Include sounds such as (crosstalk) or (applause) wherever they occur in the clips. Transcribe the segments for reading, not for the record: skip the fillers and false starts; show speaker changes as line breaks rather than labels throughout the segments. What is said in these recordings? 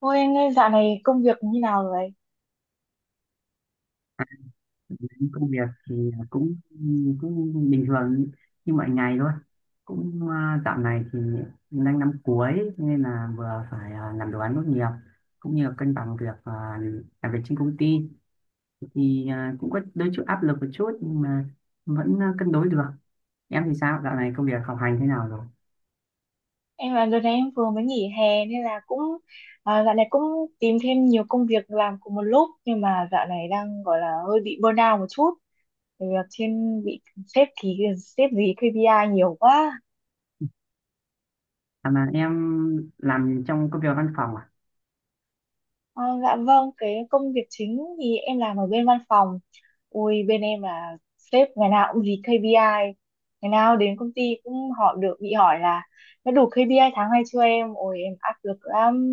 Ôi anh ơi, dạo này công việc như nào rồi?
Công việc thì cũng cũng bình thường như mọi ngày thôi. Cũng dạo này thì mình đang năm cuối, cho nên là vừa phải làm đồ án tốt nghiệp, cũng như là cân bằng việc làm việc trên công ty, thì cũng có đôi chút áp lực một chút nhưng mà vẫn cân đối được. Em thì sao, dạo này công việc học hành thế nào rồi?
Em là đợt này em vừa mới nghỉ hè nên là cũng dạo này cũng tìm thêm nhiều công việc làm cùng một lúc nhưng mà dạo này đang gọi là hơi bị burnout một chút. Bởi vì trên bị sếp ký sếp gì KPI nhiều quá.
À mà em làm trong công việc văn phòng à?
Ờ, dạ vâng, cái công việc chính thì em làm ở bên văn phòng. Ui, bên em là sếp ngày nào cũng dí KPI. Ngày nào đến công ty cũng họ được bị hỏi là đã đủ KPI tháng này chưa em? Ôi, em áp lực lắm.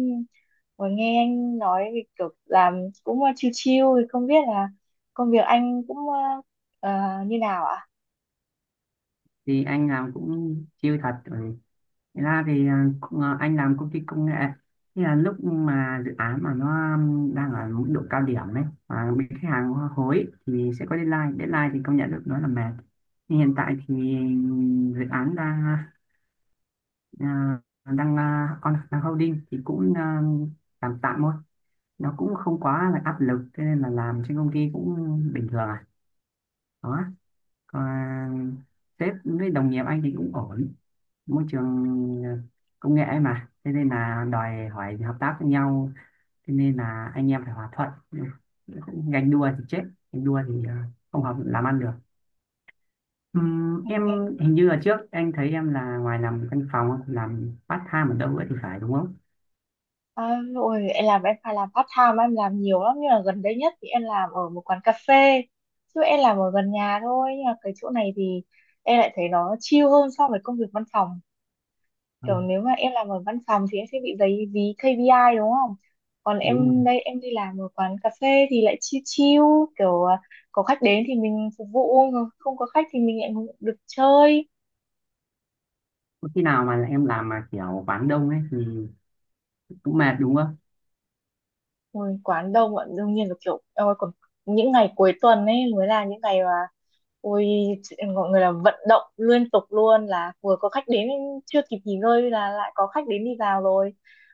Ôi, nghe anh nói thì kiểu làm cũng chill chill, thì không biết là công việc anh cũng ờ, như nào ạ?
Thì anh làm cũng chill thật, ừ. Thế ra thì anh làm công ty công nghệ, thì là lúc mà dự án mà nó đang ở mức độ cao điểm ấy và bị khách hàng hối thì sẽ có deadline, thì công nhận được nó là mệt. Nhưng hiện tại thì dự án on đang holding thì cũng tạm tạm thôi, nó cũng không quá là áp lực, thế nên là làm trên công ty cũng bình thường à, đó. Còn sếp với đồng nghiệp anh thì cũng ổn, môi trường ờ, công nghệ ấy mà, thế nên là đòi hỏi hợp tác với nhau, thế nên là anh em phải hòa thuận, ganh đua thì chết. Ganh đua thì ờ, Không hợp làm ăn được. Em
À?
hình như là trước anh thấy em là ngoài làm văn phòng làm part time ở đâu ấy thì phải, đúng không?
À, ôi, em làm em phải làm part time, em làm nhiều lắm nhưng mà gần đây nhất thì em làm ở một quán cà phê, chứ em làm ở gần nhà thôi nhưng mà cái chỗ này thì em lại thấy nó chill hơn so với công việc văn phòng.
Ừ,
Kiểu nếu mà em làm ở văn phòng thì em sẽ bị giấy dí KPI đúng không, còn
đúng rồi.
em đây em đi làm ở quán cà phê thì lại chill chill, kiểu có khách đến thì mình phục vụ, không có khách thì mình lại được chơi.
Có khi nào mà em làm mà kiểu quán đông ấy thì cũng mệt đúng không?
Ôi, quán đông ạ, đương nhiên là kiểu ôi, còn những ngày cuối tuần ấy mới là những ngày mà ôi, mọi người là vận động liên tục luôn, là vừa có khách đến chưa kịp nghỉ ngơi là lại có khách đến đi vào rồi,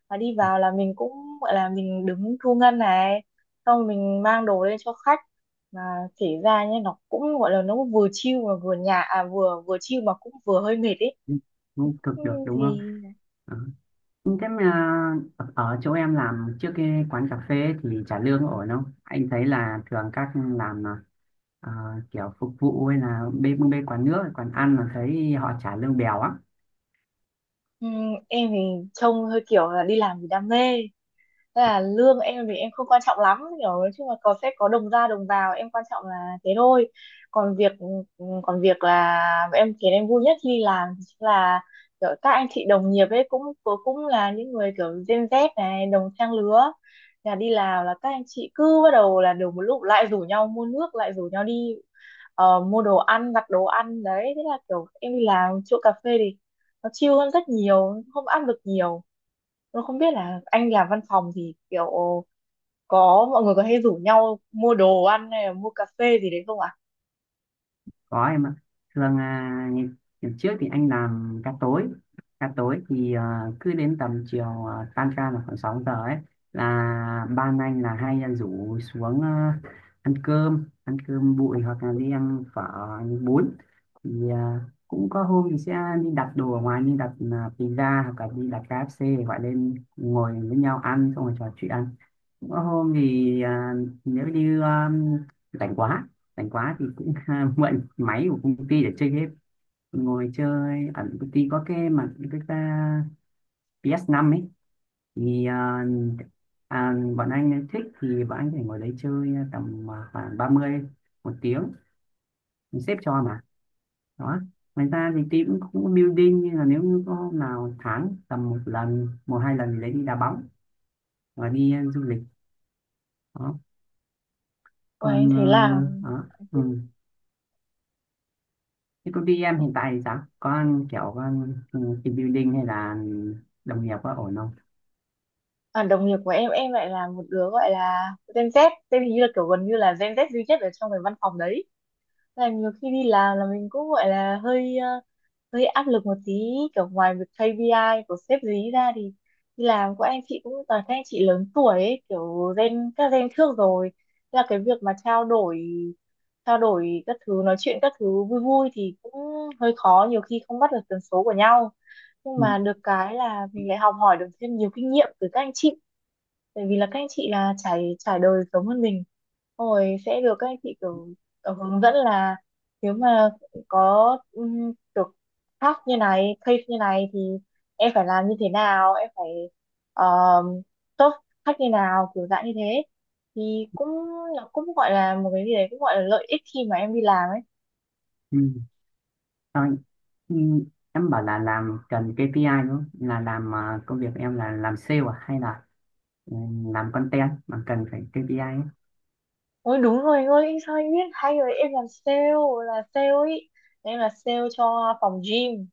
và đi vào là mình cũng gọi là mình đứng thu ngân này, xong rồi mình mang đồ lên cho khách, mà kể ra nhé nó cũng gọi là nó cũng vừa chill mà vừa nhà à vừa vừa chill mà cũng vừa hơi mệt ấy.
Cũng không cực
Ừ,
được đúng không?
thì
Ờ. Thế mà ở chỗ em làm trước cái quán cà phê thì trả lương ổn không? Anh thấy là thường các làm ờ, ờ, kiểu phục vụ hay là bê bê quán nước, quán ăn là thấy họ trả lương bèo á.
ừ, em thì trông hơi kiểu là đi làm vì đam mê. Tức là lương em thì em không quan trọng lắm, hiểu, nói chung là có sẽ có đồng ra đồng vào, em quan trọng là thế thôi. còn việc Còn việc là em khiến em vui nhất khi đi làm thì chính là kiểu các anh chị đồng nghiệp ấy, cũng cũng là những người kiểu Gen Z này, đồng trang lứa, là đi làm là các anh chị cứ bắt đầu là đều một lúc lại rủ nhau mua nước, lại rủ nhau đi mua đồ ăn, đặt đồ ăn đấy, thế là kiểu em đi làm chỗ cà phê thì nó chill hơn rất nhiều, không áp lực nhiều. Tôi không biết là anh làm văn phòng thì kiểu có mọi người có hay rủ nhau mua đồ ăn hay là mua cà phê gì đấy không ạ?
Có em ạ. Thường ngày trước thì anh làm ca tối. Ca tối thì cứ đến tầm chiều, tan ca là khoảng 6 giờ ấy, là ban anh là hay là rủ xuống ăn cơm, bụi hoặc là đi ăn phở, ăn bún. Thì cũng có hôm thì sẽ đi đặt đồ ở ngoài, như đặt pizza hoặc là đi đặt KFC, gọi lên ngồi với nhau ăn xong rồi trò chuyện. Có hôm thì nếu như à, rảnh quá, rảnh quá thì cũng (laughs) mượn máy của công ty để chơi game, ngồi chơi ở công ty. Có cái mà cái ta PS5 ấy, thì bọn anh thích thì bọn anh có thể ngồi đấy chơi tầm khoảng 30, 1 tiếng, xếp cho mà đó. Ngoài ra thì team cũng cũng có building, nhưng là nếu như có hôm nào tháng tầm 1 lần, 1 2 lần thì lấy đi đá bóng và đi du lịch, đó.
Ôi anh
Còn
thấy là anh
đó. Ừ.
cũng-
Thế công ty em hiện tại thì sao? Có kiểu con team building hay là đồng nghiệp có ổn không?
đồng nghiệp của em lại là một đứa gọi là Gen Z, tên hình như là kiểu gần như là Gen Z duy nhất ở trong cái văn phòng đấy. Thế là nhiều khi đi làm là mình cũng gọi là hơi hơi áp lực một tí, kiểu ngoài việc KPI của sếp dí ra thì đi làm của anh chị cũng toàn các anh chị lớn tuổi ấy, kiểu gen các gen trước rồi. Thế là cái việc mà trao đổi các thứ, nói chuyện các thứ vui vui thì cũng hơi khó, nhiều khi không bắt được tần số của nhau, nhưng
Ừ.
mà được cái là mình lại học hỏi được thêm nhiều kinh nghiệm từ các anh chị, tại vì là các anh chị là trải trải đời giống hơn mình. Xong rồi sẽ được các anh chị kiểu hướng dẫn là nếu mà có thắc như này, case như này thì em phải làm như thế nào, em phải um, tốt khách như nào, kiểu dạng như thế, thì cũng nó cũng gọi là một cái gì đấy, cũng gọi là lợi ích khi mà em đi làm ấy.
Ừ. Thôi, ừ. Em bảo là làm cần KPI đúng không? Là làm công việc em là làm sale à? Hay là ừ, làm content mà cần phải KPI ấy?
Ôi đúng rồi anh ơi, sao anh biết hay rồi, em làm sale, là sale ấy, em là sale cho phòng gym,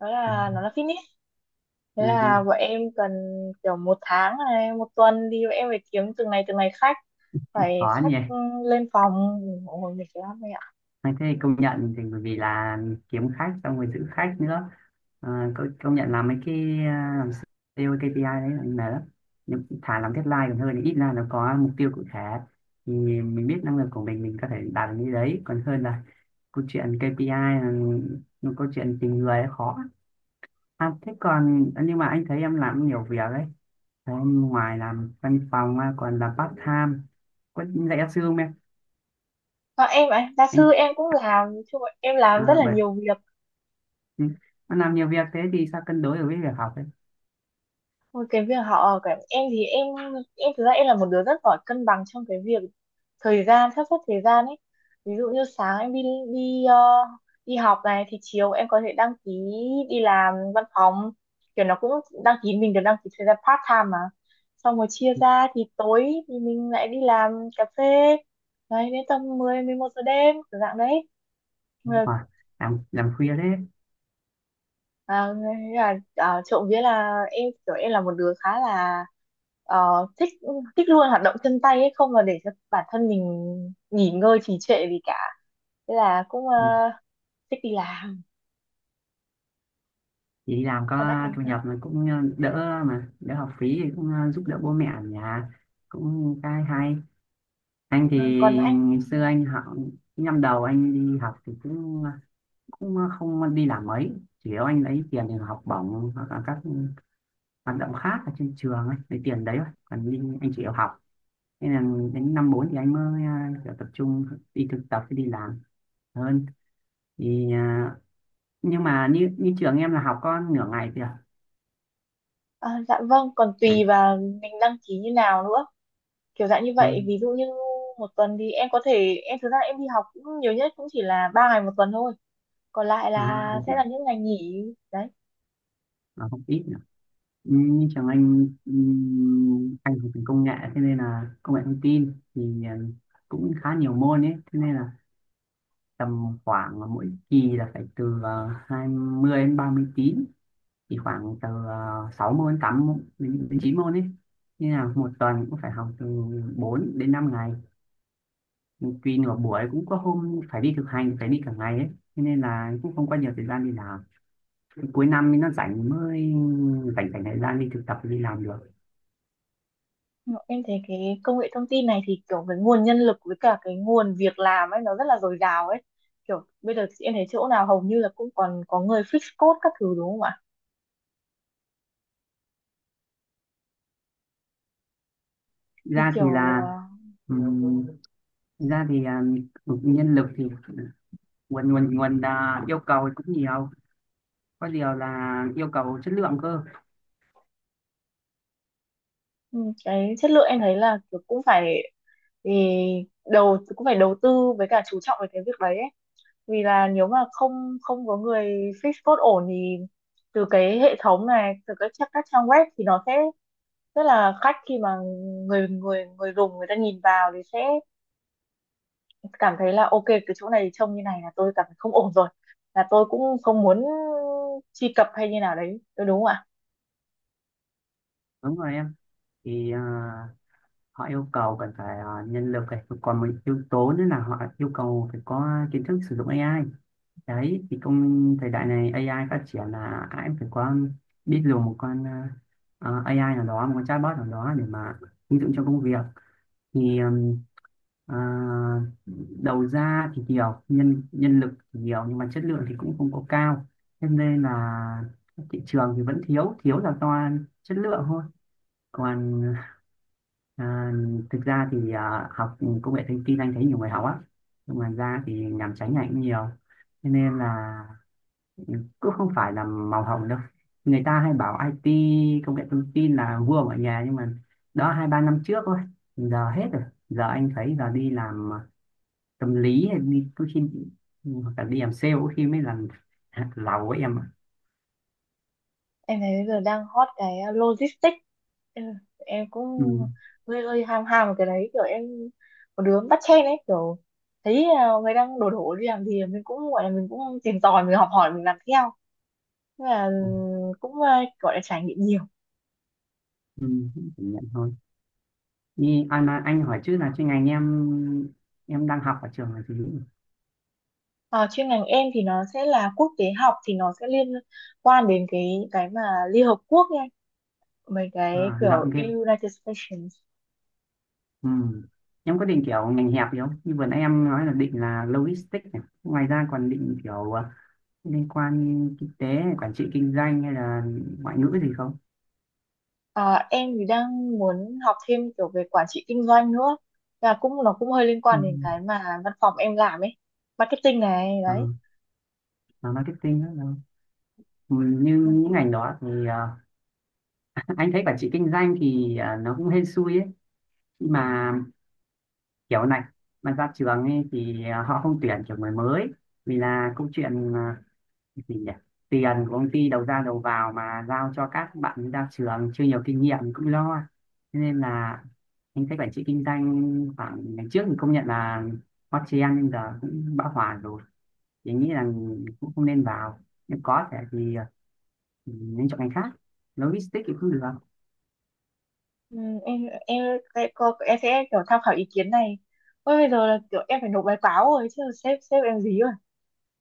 đó
Ừ.
là nó là fitness. Thế
Ừ. Ừ.
là bọn em cần kiểu một tháng này một tuần đi bọn em phải kiếm từng này khách, phải
Khó
khách
nhỉ?
ừ, lên phòng. Ôi, mình mệt lắm.
Anh thấy công nhận thì bởi vì là kiếm khách xong rồi giữ khách nữa. Công nhận làm mấy cái làm sale KPI đấy là mệt lắm, nhưng thà làm deadline còn hơn, ít ra nó có mục tiêu cụ thể, thì mình biết năng lực của mình có thể đạt được như đấy, còn hơn là câu chuyện KPI là một câu chuyện tình người khó. Thế còn, nhưng mà anh thấy em làm nhiều việc đấy. Thế em ngoài làm văn phòng ra còn làm part time có dạy giáo sư không em?
Còn em ạ, gia sư
Anh
em cũng làm, chung là em làm rất
à,
là
bởi
nhiều việc.
Ừ. Nó làm nhiều việc thế thì sao cân đối được với việc học ấy?
Một cái việc họ ở cả em thì em thực ra em là một đứa rất giỏi cân bằng trong cái việc thời gian, sắp xếp thời gian ấy. Ví dụ như sáng em đi đi ờ, đi học này thì chiều em có thể đăng ký đi làm văn phòng. Kiểu nó cũng đăng ký, mình được đăng ký thời gian part time mà. Xong rồi chia
Ừ.
ra thì tối thì mình lại đi làm cà phê. Đấy, đến tầm mười mười một giờ đêm kiểu dạng đấy.
Đúng rồi. Làm khuya thế.
À, thế là trộm vía là em kiểu em là một đứa khá là ờ, thích thích luôn hoạt động chân tay ấy, không mà để cho bản thân mình nghỉ ngơi trì trệ gì cả, thế là cũng
Ừ.
thích đi làm.
Thì đi làm
Còn anh
có
thì
thu
sao?
nhập, mà cũng đỡ học phí thì cũng giúp đỡ bố mẹ ở nhà, cũng cái hay. Anh thì
Ờ, còn anh
ngày xưa anh học năm 1 anh đi học thì không đi làm mấy, chủ yếu anh lấy tiền để học bổng hoặc là các hoạt động khác ở trên trường ấy, lấy tiền đấy thôi, còn đi anh chỉ yêu học. Nên là đến năm 4 thì anh mới kiểu tập trung đi thực tập đi làm hơn. Thì nhưng mà như như trường em là học có nửa ngày thì à.
ờ, dạ vâng còn
Đấy.
tùy vào mình đăng ký như nào nữa, kiểu dạng như
À,
vậy, ví dụ như một tuần thì em có thể em thực ra em đi học cũng nhiều nhất cũng chỉ là ba ngày một tuần thôi, còn lại
nó
là
không
sẽ là những ngày nghỉ đấy.
ít nữa. Ừ, như trường anh học ngành công nghệ, thế nên là công nghệ thông tin thì cũng khá nhiều môn ấy, thế nên là tầm khoảng là mỗi kỳ là phải từ 20 đến 30 tín, thì khoảng từ 6 môn, 8 môn đến 9 môn ấy, nên là một tuần cũng phải học từ 4 đến 5 ngày, vì nửa buổi cũng có hôm phải đi thực hành phải đi cả ngày ấy. Thế nên là cũng không có nhiều thời gian đi làm. Cuối năm thì nó rảnh mới rảnh rảnh thời gian đi thực tập đi làm được.
Em thấy cái công nghệ thông tin này thì kiểu cái nguồn nhân lực với cả cái nguồn việc làm ấy nó rất là dồi dào ấy. Kiểu bây giờ em thấy chỗ nào hầu như là cũng còn có người fix code các thứ đúng không ạ? Thì
Ra thì
kiểu
là ừm, ra thì nhân lực thì nguồn nguồn nguồn à, yêu cầu thì cũng nhiều, có điều là yêu cầu chất lượng cơ.
ừ, cái chất lượng em thấy là kiểu cũng phải, thì đầu cũng phải đầu tư với cả chú trọng về cái việc đấy ấy. Vì là nếu mà không không có người fix code ổn thì từ cái hệ thống này, từ các trang web thì nó sẽ rất là khách, khi mà người người người dùng người ta nhìn vào thì sẽ cảm thấy là ok cái chỗ này trông như này là tôi cảm thấy không ổn rồi, là tôi cũng không muốn truy cập hay như nào đấy tôi, đúng không ạ.
Đúng rồi em, thì họ yêu cầu cần phải nhân lực, này còn một yếu tố nữa là họ yêu cầu phải có kiến thức sử dụng AI. Đấy thì công, thời đại này AI phát triển là ai cũng phải có biết dùng một con AI nào đó, một con chatbot nào đó để mà ứng dụng cho công việc. Thì ờ, đầu ra thì nhiều, nhân nhân lực thì nhiều nhưng mà chất lượng thì cũng không có cao, thế nên là thị trường thì vẫn thiếu, thiếu là do chất lượng thôi. Còn à, thực ra thì học công nghệ thông tin anh thấy nhiều người học á, nhưng mà ra thì nhàm chán nhạy cũng nhiều. Thế nên là cũng không phải là màu hồng đâu. Người ta hay bảo IT, công nghệ thông tin là vua mọi nghề, nhưng mà đó 2 3 năm trước thôi, giờ hết rồi. Giờ anh thấy giờ đi làm tâm lý hay đi có khi, hoặc là đi làm sale có khi mới làm (laughs) lầu ấy em ạ.
Em thấy bây giờ đang hot cái logistics. Ừ, em cũng
Ừ.
hơi hơi ham ham vào cái đấy, kiểu em một đứa bắt chen ấy, kiểu thấy người đang đổ đổ đi làm gì mình cũng gọi là mình cũng tìm tòi, mình học hỏi, mình làm theo. Thế là ừ,
Ừ.
cũng gọi là trải nghiệm nhiều.
Ừ. Chỉ nhận thôi. Như Anh hỏi trước là chuyên ngành em đang học ở trường là gì nhỉ?
À, chuyên ngành em thì nó sẽ là quốc tế học, thì nó sẽ liên quan đến cái mà Liên Hợp Quốc nha, mấy cái
À, rộng
kiểu
ghê.
United Stations.
Ừ. Em có định kiểu ngành hẹp gì không, như vừa nãy em nói là định là logistics này. Ngoài ra còn định kiểu liên quan kinh tế này, quản trị kinh doanh hay là ngoại ngữ gì không?
À, em thì đang muốn học thêm kiểu về quản trị kinh doanh nữa, và cũng nó cũng hơi liên
Ừ.
quan đến cái mà văn phòng em làm ấy, marketing này
Ờ,
đấy.
là marketing đó đâu. Ừ, như những ngành đó thì ờ, anh thấy quản trị kinh doanh thì nó cũng hên xui ấy. Khi mà kiểu này mà ra trường ấy thì họ không tuyển kiểu người mới, vì là câu chuyện à, gì nhỉ tiền của công ty đầu ra đầu vào mà giao cho các bạn ra trường chưa nhiều kinh nghiệm cũng lo. Thế nên là anh thấy quản trị kinh doanh khoảng ngày trước thì công nhận là hot trend nhưng giờ cũng bão hòa rồi, thì anh nghĩ là cũng không nên vào. Nếu có thể thì ừ, nên chọn ngành khác. Logistics thì cũng được
Ừ, em sẽ kiểu tham khảo ý kiến này. Ôi, bây giờ là kiểu em phải nộp báo cáo rồi, chứ sếp sếp em gì rồi,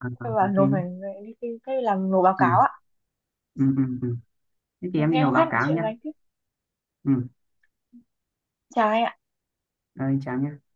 à,
em bảo
ok
nộp,
nhé.
phải đi làm nộp báo
ừ,
cáo ạ.
ừ. Thế thì em đi
Em không
nộp
khác,
báo
nói
cáo
chuyện
nhé.
với anh tiếp.
Ừ,
Chào anh ạ.
rồi chào nhé.